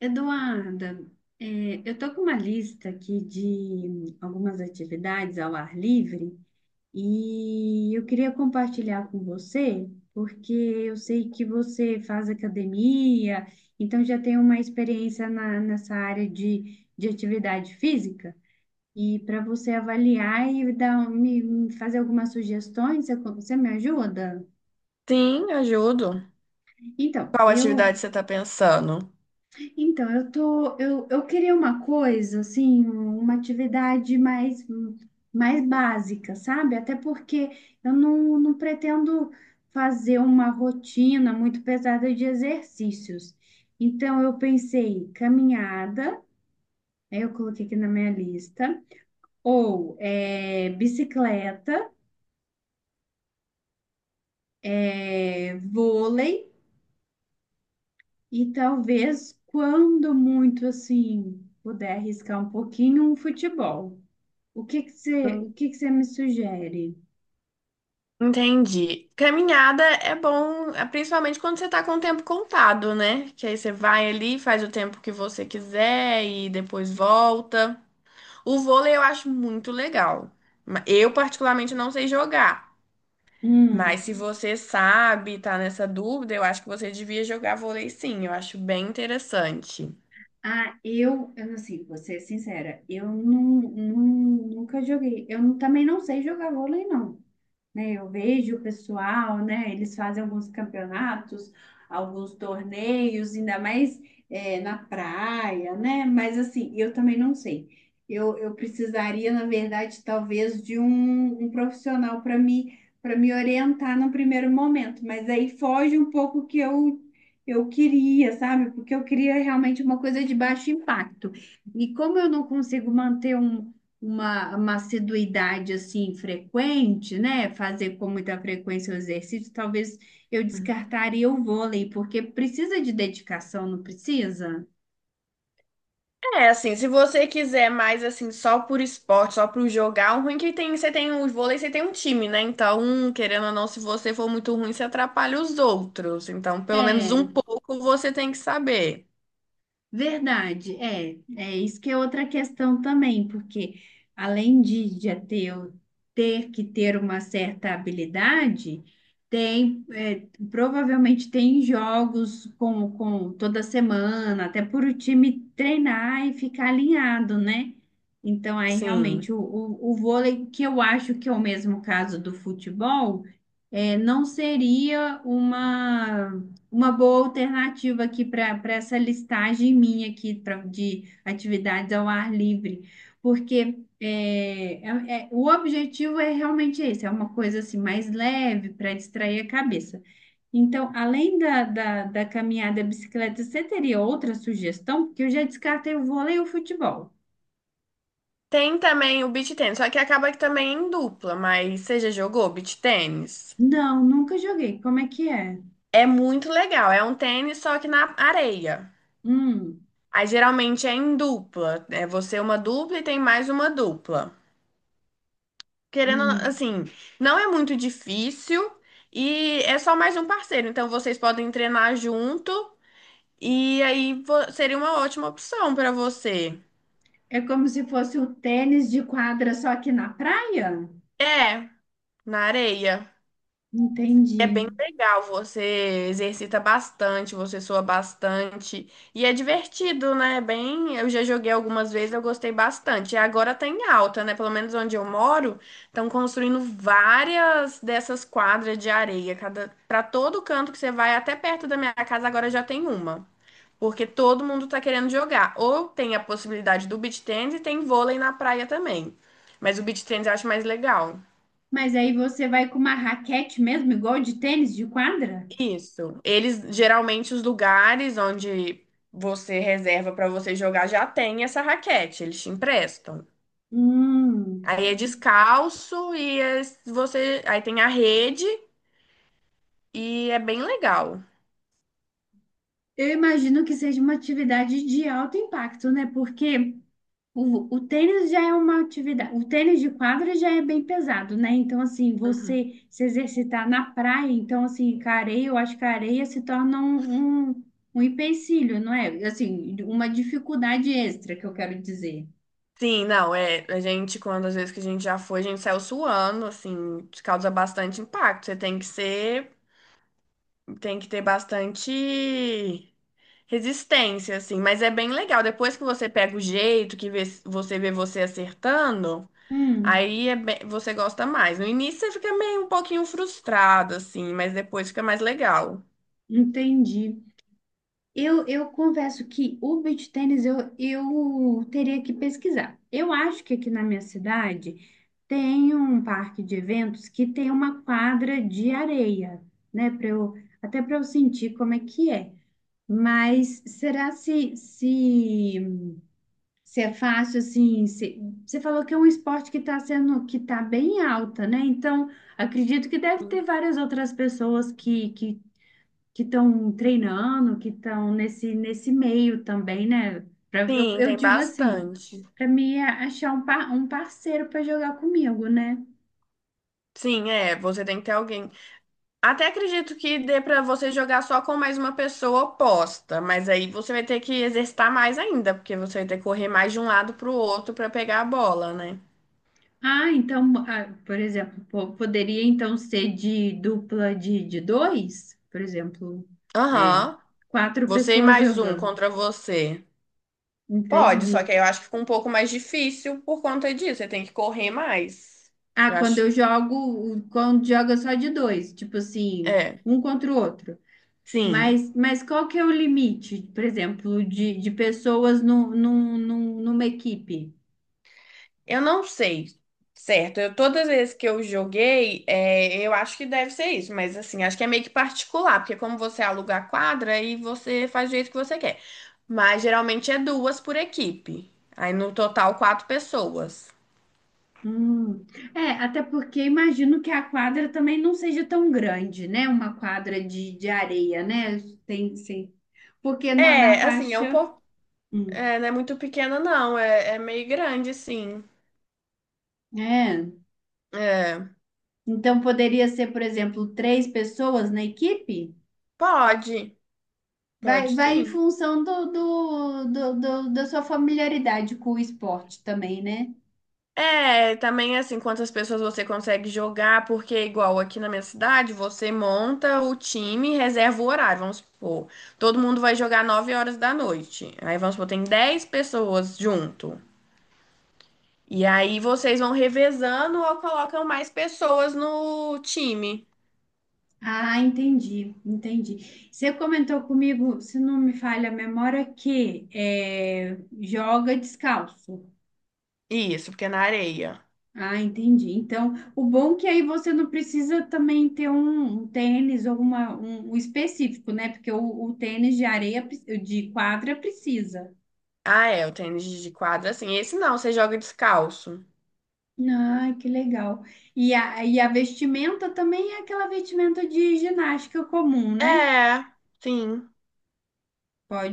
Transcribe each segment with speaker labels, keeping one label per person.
Speaker 1: Eduarda, eu estou com uma lista aqui de algumas atividades ao ar livre e eu queria compartilhar com você, porque eu sei que você faz academia, então já tem uma experiência nessa área de atividade física. E para você avaliar e dar, me fazer algumas sugestões, você me ajuda?
Speaker 2: Sim, ajudo.
Speaker 1: Então,
Speaker 2: Qual
Speaker 1: eu.
Speaker 2: atividade você está pensando?
Speaker 1: Então, eu queria uma coisa, assim, uma atividade mais básica, sabe? Até porque eu não, não pretendo fazer uma rotina muito pesada de exercícios. Então, eu pensei caminhada, aí eu coloquei aqui na minha lista, ou bicicleta, vôlei, e talvez, quando muito, assim, puder arriscar um pouquinho, um futebol. O
Speaker 2: Hum.
Speaker 1: que que você me sugere?
Speaker 2: Entendi. Caminhada é bom, é principalmente quando você está com o tempo contado, né? Que aí você vai ali, faz o tempo que você quiser e depois volta. O vôlei eu acho muito legal. Eu, particularmente, não sei jogar. Mas
Speaker 1: Hum,
Speaker 2: se você sabe, tá nessa dúvida, eu acho que você devia jogar vôlei sim. Eu acho bem interessante.
Speaker 1: ah, eu, assim, vou ser sincera, eu nunca joguei. Eu não- também não sei jogar vôlei, não, né? Eu vejo o pessoal, né? Eles fazem alguns campeonatos, alguns torneios, ainda mais na praia, né? Mas assim, eu também não sei. Eu precisaria, na verdade, talvez de um profissional para me orientar no primeiro momento, mas aí foge um pouco o que eu queria, sabe? Porque eu queria realmente uma coisa de baixo impacto. E como eu não consigo manter uma assiduidade assim frequente, né? Fazer com muita frequência o exercício, talvez eu descartaria o vôlei, porque precisa de dedicação, não precisa?
Speaker 2: É, assim, se você quiser mais, assim, só por esporte, só por jogar, o ruim é que tem, você tem o vôlei, você tem um time, né? Então, querendo ou não, se você for muito ruim, você atrapalha os outros. Então, pelo menos um
Speaker 1: É.
Speaker 2: pouco você tem que saber.
Speaker 1: Verdade, é isso que é outra questão também, porque além de já ter que ter uma certa habilidade, provavelmente tem jogos com toda semana, até por o time treinar e ficar alinhado, né? Então aí
Speaker 2: Sim.
Speaker 1: realmente o vôlei, que eu acho que é o mesmo caso do futebol, é, não seria uma boa alternativa aqui para essa listagem minha aqui pra, de atividades ao ar livre, porque o objetivo é realmente esse, é uma coisa assim mais leve para distrair a cabeça. Então, além da caminhada e bicicleta, você teria outra sugestão? Porque eu já descartei o vôlei e o futebol.
Speaker 2: Tem também o beach tennis, só que acaba que também é em dupla, mas você já jogou beach tennis?
Speaker 1: Não, nunca joguei. Como é que é?
Speaker 2: É muito legal, é um tênis só que na areia.
Speaker 1: Hum,
Speaker 2: Aí geralmente é em dupla, é você uma dupla e tem mais uma dupla. Querendo,
Speaker 1: hum.
Speaker 2: assim, não é muito difícil e é só mais um parceiro. Então vocês podem treinar junto e seria uma ótima opção para você.
Speaker 1: É como se fosse o tênis de quadra, só que na praia?
Speaker 2: É, na areia. É
Speaker 1: Entendi.
Speaker 2: bem legal, você exercita bastante, você sua bastante e é divertido, né? Bem, eu já joguei algumas vezes, eu gostei bastante. E agora tá em alta, né? Pelo menos onde eu moro, estão construindo várias dessas quadras de areia, cada para todo canto que você vai, até perto da minha casa agora já tem uma, porque todo mundo tá querendo jogar. Ou tem a possibilidade do beach tennis e tem vôlei na praia também. Mas o beach tennis eu acho mais legal.
Speaker 1: Mas aí você vai com uma raquete mesmo, igual de tênis de quadra?
Speaker 2: Isso. Eles geralmente os lugares onde você reserva para você jogar já tem essa raquete, eles te emprestam.
Speaker 1: Hum,
Speaker 2: Aí é descalço e você aí tem a rede e é bem legal.
Speaker 1: eu imagino que seja uma atividade de alto impacto, né? Porque o tênis já é uma atividade, o tênis de quadra já é bem pesado, né? Então, assim,
Speaker 2: Uhum.
Speaker 1: você se exercitar na praia, então, assim, com a areia, eu acho que a areia se torna um empecilho, não é? Assim, uma dificuldade extra que eu quero dizer.
Speaker 2: Sim, não, é, a gente quando às vezes que a gente já foi, a gente saiu suando, assim, isso causa bastante impacto. Você tem que ser, tem que ter bastante resistência assim, mas é bem legal. Depois que você pega o jeito, que você vê você acertando,
Speaker 1: Hum,
Speaker 2: aí é você gosta mais. No início você fica meio um pouquinho frustrado, assim, mas depois fica mais legal.
Speaker 1: entendi. Eu confesso que o beach tênis eu teria que pesquisar. Eu acho que aqui na minha cidade tem um parque de eventos que tem uma quadra de areia, né? Para eu, até para eu sentir como é que é. Mas será se é fácil assim? Você falou que é um esporte que está sendo que está bem alta, né? Então acredito que deve
Speaker 2: Sim.
Speaker 1: ter várias outras pessoas que estão treinando, que estão nesse meio também, né?
Speaker 2: Sim,
Speaker 1: Eu
Speaker 2: tem
Speaker 1: digo assim,
Speaker 2: bastante.
Speaker 1: para mim é achar um parceiro para jogar comigo, né?
Speaker 2: Sim, é, você tem que ter alguém. Até acredito que dê pra você jogar só com mais uma pessoa oposta, mas aí você vai ter que exercitar mais ainda, porque você vai ter que correr mais de um lado pro outro pra pegar a bola, né?
Speaker 1: Ah, então, ah, por exemplo, poderia então ser de dupla de dois, por exemplo, é,
Speaker 2: Aham.
Speaker 1: quatro
Speaker 2: Você e
Speaker 1: pessoas
Speaker 2: mais um
Speaker 1: jogando.
Speaker 2: contra você. Pode,
Speaker 1: Entendi.
Speaker 2: só que aí eu acho que fica um pouco mais difícil por conta disso. Você tem que correr mais.
Speaker 1: Ah,
Speaker 2: Eu
Speaker 1: quando
Speaker 2: acho.
Speaker 1: eu jogo, quando joga só de dois, tipo assim,
Speaker 2: É.
Speaker 1: um contra o outro.
Speaker 2: Sim,
Speaker 1: Mas qual que é o limite, por exemplo, de pessoas num, num, num- numa equipe?
Speaker 2: eu não sei, certo? Eu, todas as vezes que eu joguei, é, eu acho que deve ser isso, mas assim, acho que é meio que particular, porque como você aluga a quadra, aí você faz do jeito que você quer. Mas geralmente é duas por equipe, aí no total quatro pessoas.
Speaker 1: Hum. É, até porque imagino que a quadra também não seja tão grande, né? Uma quadra de areia, né? Tem, sim. Porque na
Speaker 2: É, assim, é um
Speaker 1: faixa.
Speaker 2: pouco,
Speaker 1: Hum,
Speaker 2: é, não é muito pequena não, é, é meio grande, sim.
Speaker 1: é.
Speaker 2: É,
Speaker 1: Então poderia ser, por exemplo, três pessoas na equipe?
Speaker 2: pode, pode
Speaker 1: Vai, vai em
Speaker 2: sim.
Speaker 1: função da sua familiaridade com o esporte também, né?
Speaker 2: É, também assim, quantas pessoas você consegue jogar, porque igual aqui na minha cidade, você monta o time, reserva o horário, vamos supor. Todo mundo vai jogar 9 horas da noite. Aí vamos supor, tem 10 pessoas junto. E aí vocês vão revezando ou colocam mais pessoas no time.
Speaker 1: Ah, entendi, entendi. Você comentou comigo, se não me falha a memória, que é, joga descalço.
Speaker 2: Isso, porque é na areia.
Speaker 1: Ah, entendi. Então, o bom é que aí você não precisa também ter um tênis ou um específico, né? Porque o tênis de areia, de quadra precisa.
Speaker 2: Ah, é, o tênis de quadra, assim. Esse não, você joga descalço.
Speaker 1: Ah, que legal. E a vestimenta também é aquela vestimenta de ginástica comum, né?
Speaker 2: É, sim.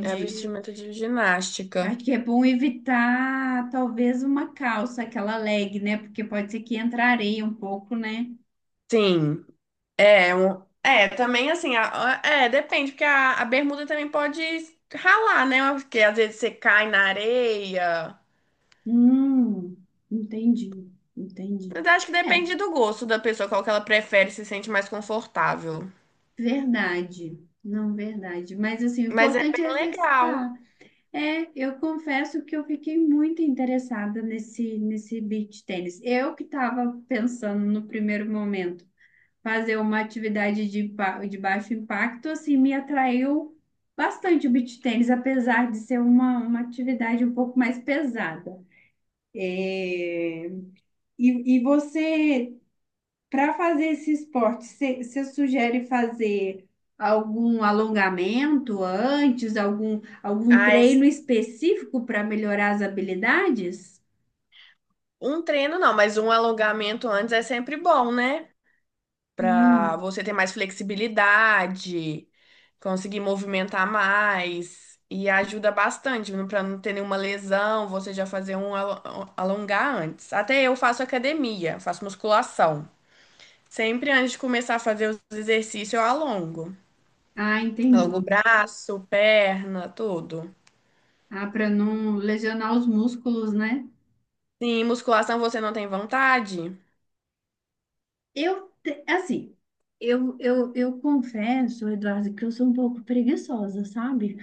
Speaker 2: É vestimenta de ginástica.
Speaker 1: Acho que é bom evitar talvez uma calça, aquela leg, né? Porque pode ser que entre areia um pouco, né?
Speaker 2: Sim. É, é, também assim, é, depende, porque a bermuda também pode ralar, né? Porque às vezes você cai na areia.
Speaker 1: Hum, entendi, entendi.
Speaker 2: Mas acho que
Speaker 1: É,
Speaker 2: depende do gosto da pessoa, qual que ela prefere, se sente mais confortável.
Speaker 1: verdade. Não, verdade. Mas assim, o
Speaker 2: Mas é
Speaker 1: importante é
Speaker 2: bem legal.
Speaker 1: exercitar. É, eu confesso que eu fiquei muito interessada nesse beach tênis. Eu que estava pensando no primeiro momento fazer uma atividade de baixo impacto, assim, me atraiu bastante o beach tênis, apesar de ser uma atividade um pouco mais pesada. É, e você, para fazer esse esporte, você sugere fazer algum alongamento antes, algum
Speaker 2: Ah,
Speaker 1: treino específico para melhorar as habilidades?
Speaker 2: um treino não, mas um alongamento antes é sempre bom, né? Para
Speaker 1: Hum.
Speaker 2: você ter mais flexibilidade, conseguir movimentar mais e ajuda bastante para não ter nenhuma lesão, você já fazer um alongar antes. Até eu faço academia, faço musculação. Sempre antes de começar a fazer os exercícios, eu alongo.
Speaker 1: Ah, entendi.
Speaker 2: Alongo o braço, perna, tudo.
Speaker 1: Ah, para não lesionar os músculos, né?
Speaker 2: Sim, musculação você não tem vontade?
Speaker 1: Assim, eu confesso, Eduardo, que eu sou um pouco preguiçosa, sabe?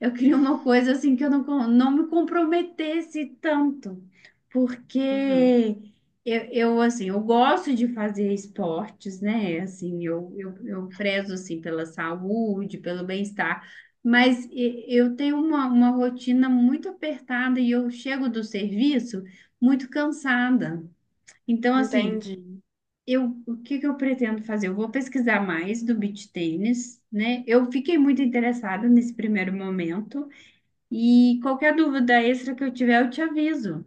Speaker 1: Eu queria uma coisa assim que eu não, com- não me comprometesse tanto,
Speaker 2: Uhum,
Speaker 1: porque eu, assim, eu gosto de fazer esportes, né? Assim, eu prezo, assim, pela saúde, pelo bem-estar, mas eu tenho uma rotina muito apertada e eu chego do serviço muito cansada. Então, assim,
Speaker 2: entendi.
Speaker 1: eu, o que que eu pretendo fazer? Eu vou pesquisar mais do beach tênis, né? Eu fiquei muito interessada nesse primeiro momento e qualquer dúvida extra que eu tiver, eu te aviso.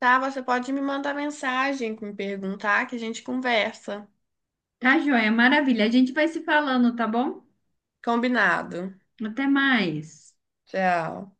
Speaker 2: Tá, você pode me mandar mensagem, me perguntar que a gente conversa.
Speaker 1: Tá, joia? Maravilha. A gente vai se falando, tá bom?
Speaker 2: Combinado.
Speaker 1: Até mais.
Speaker 2: Tchau.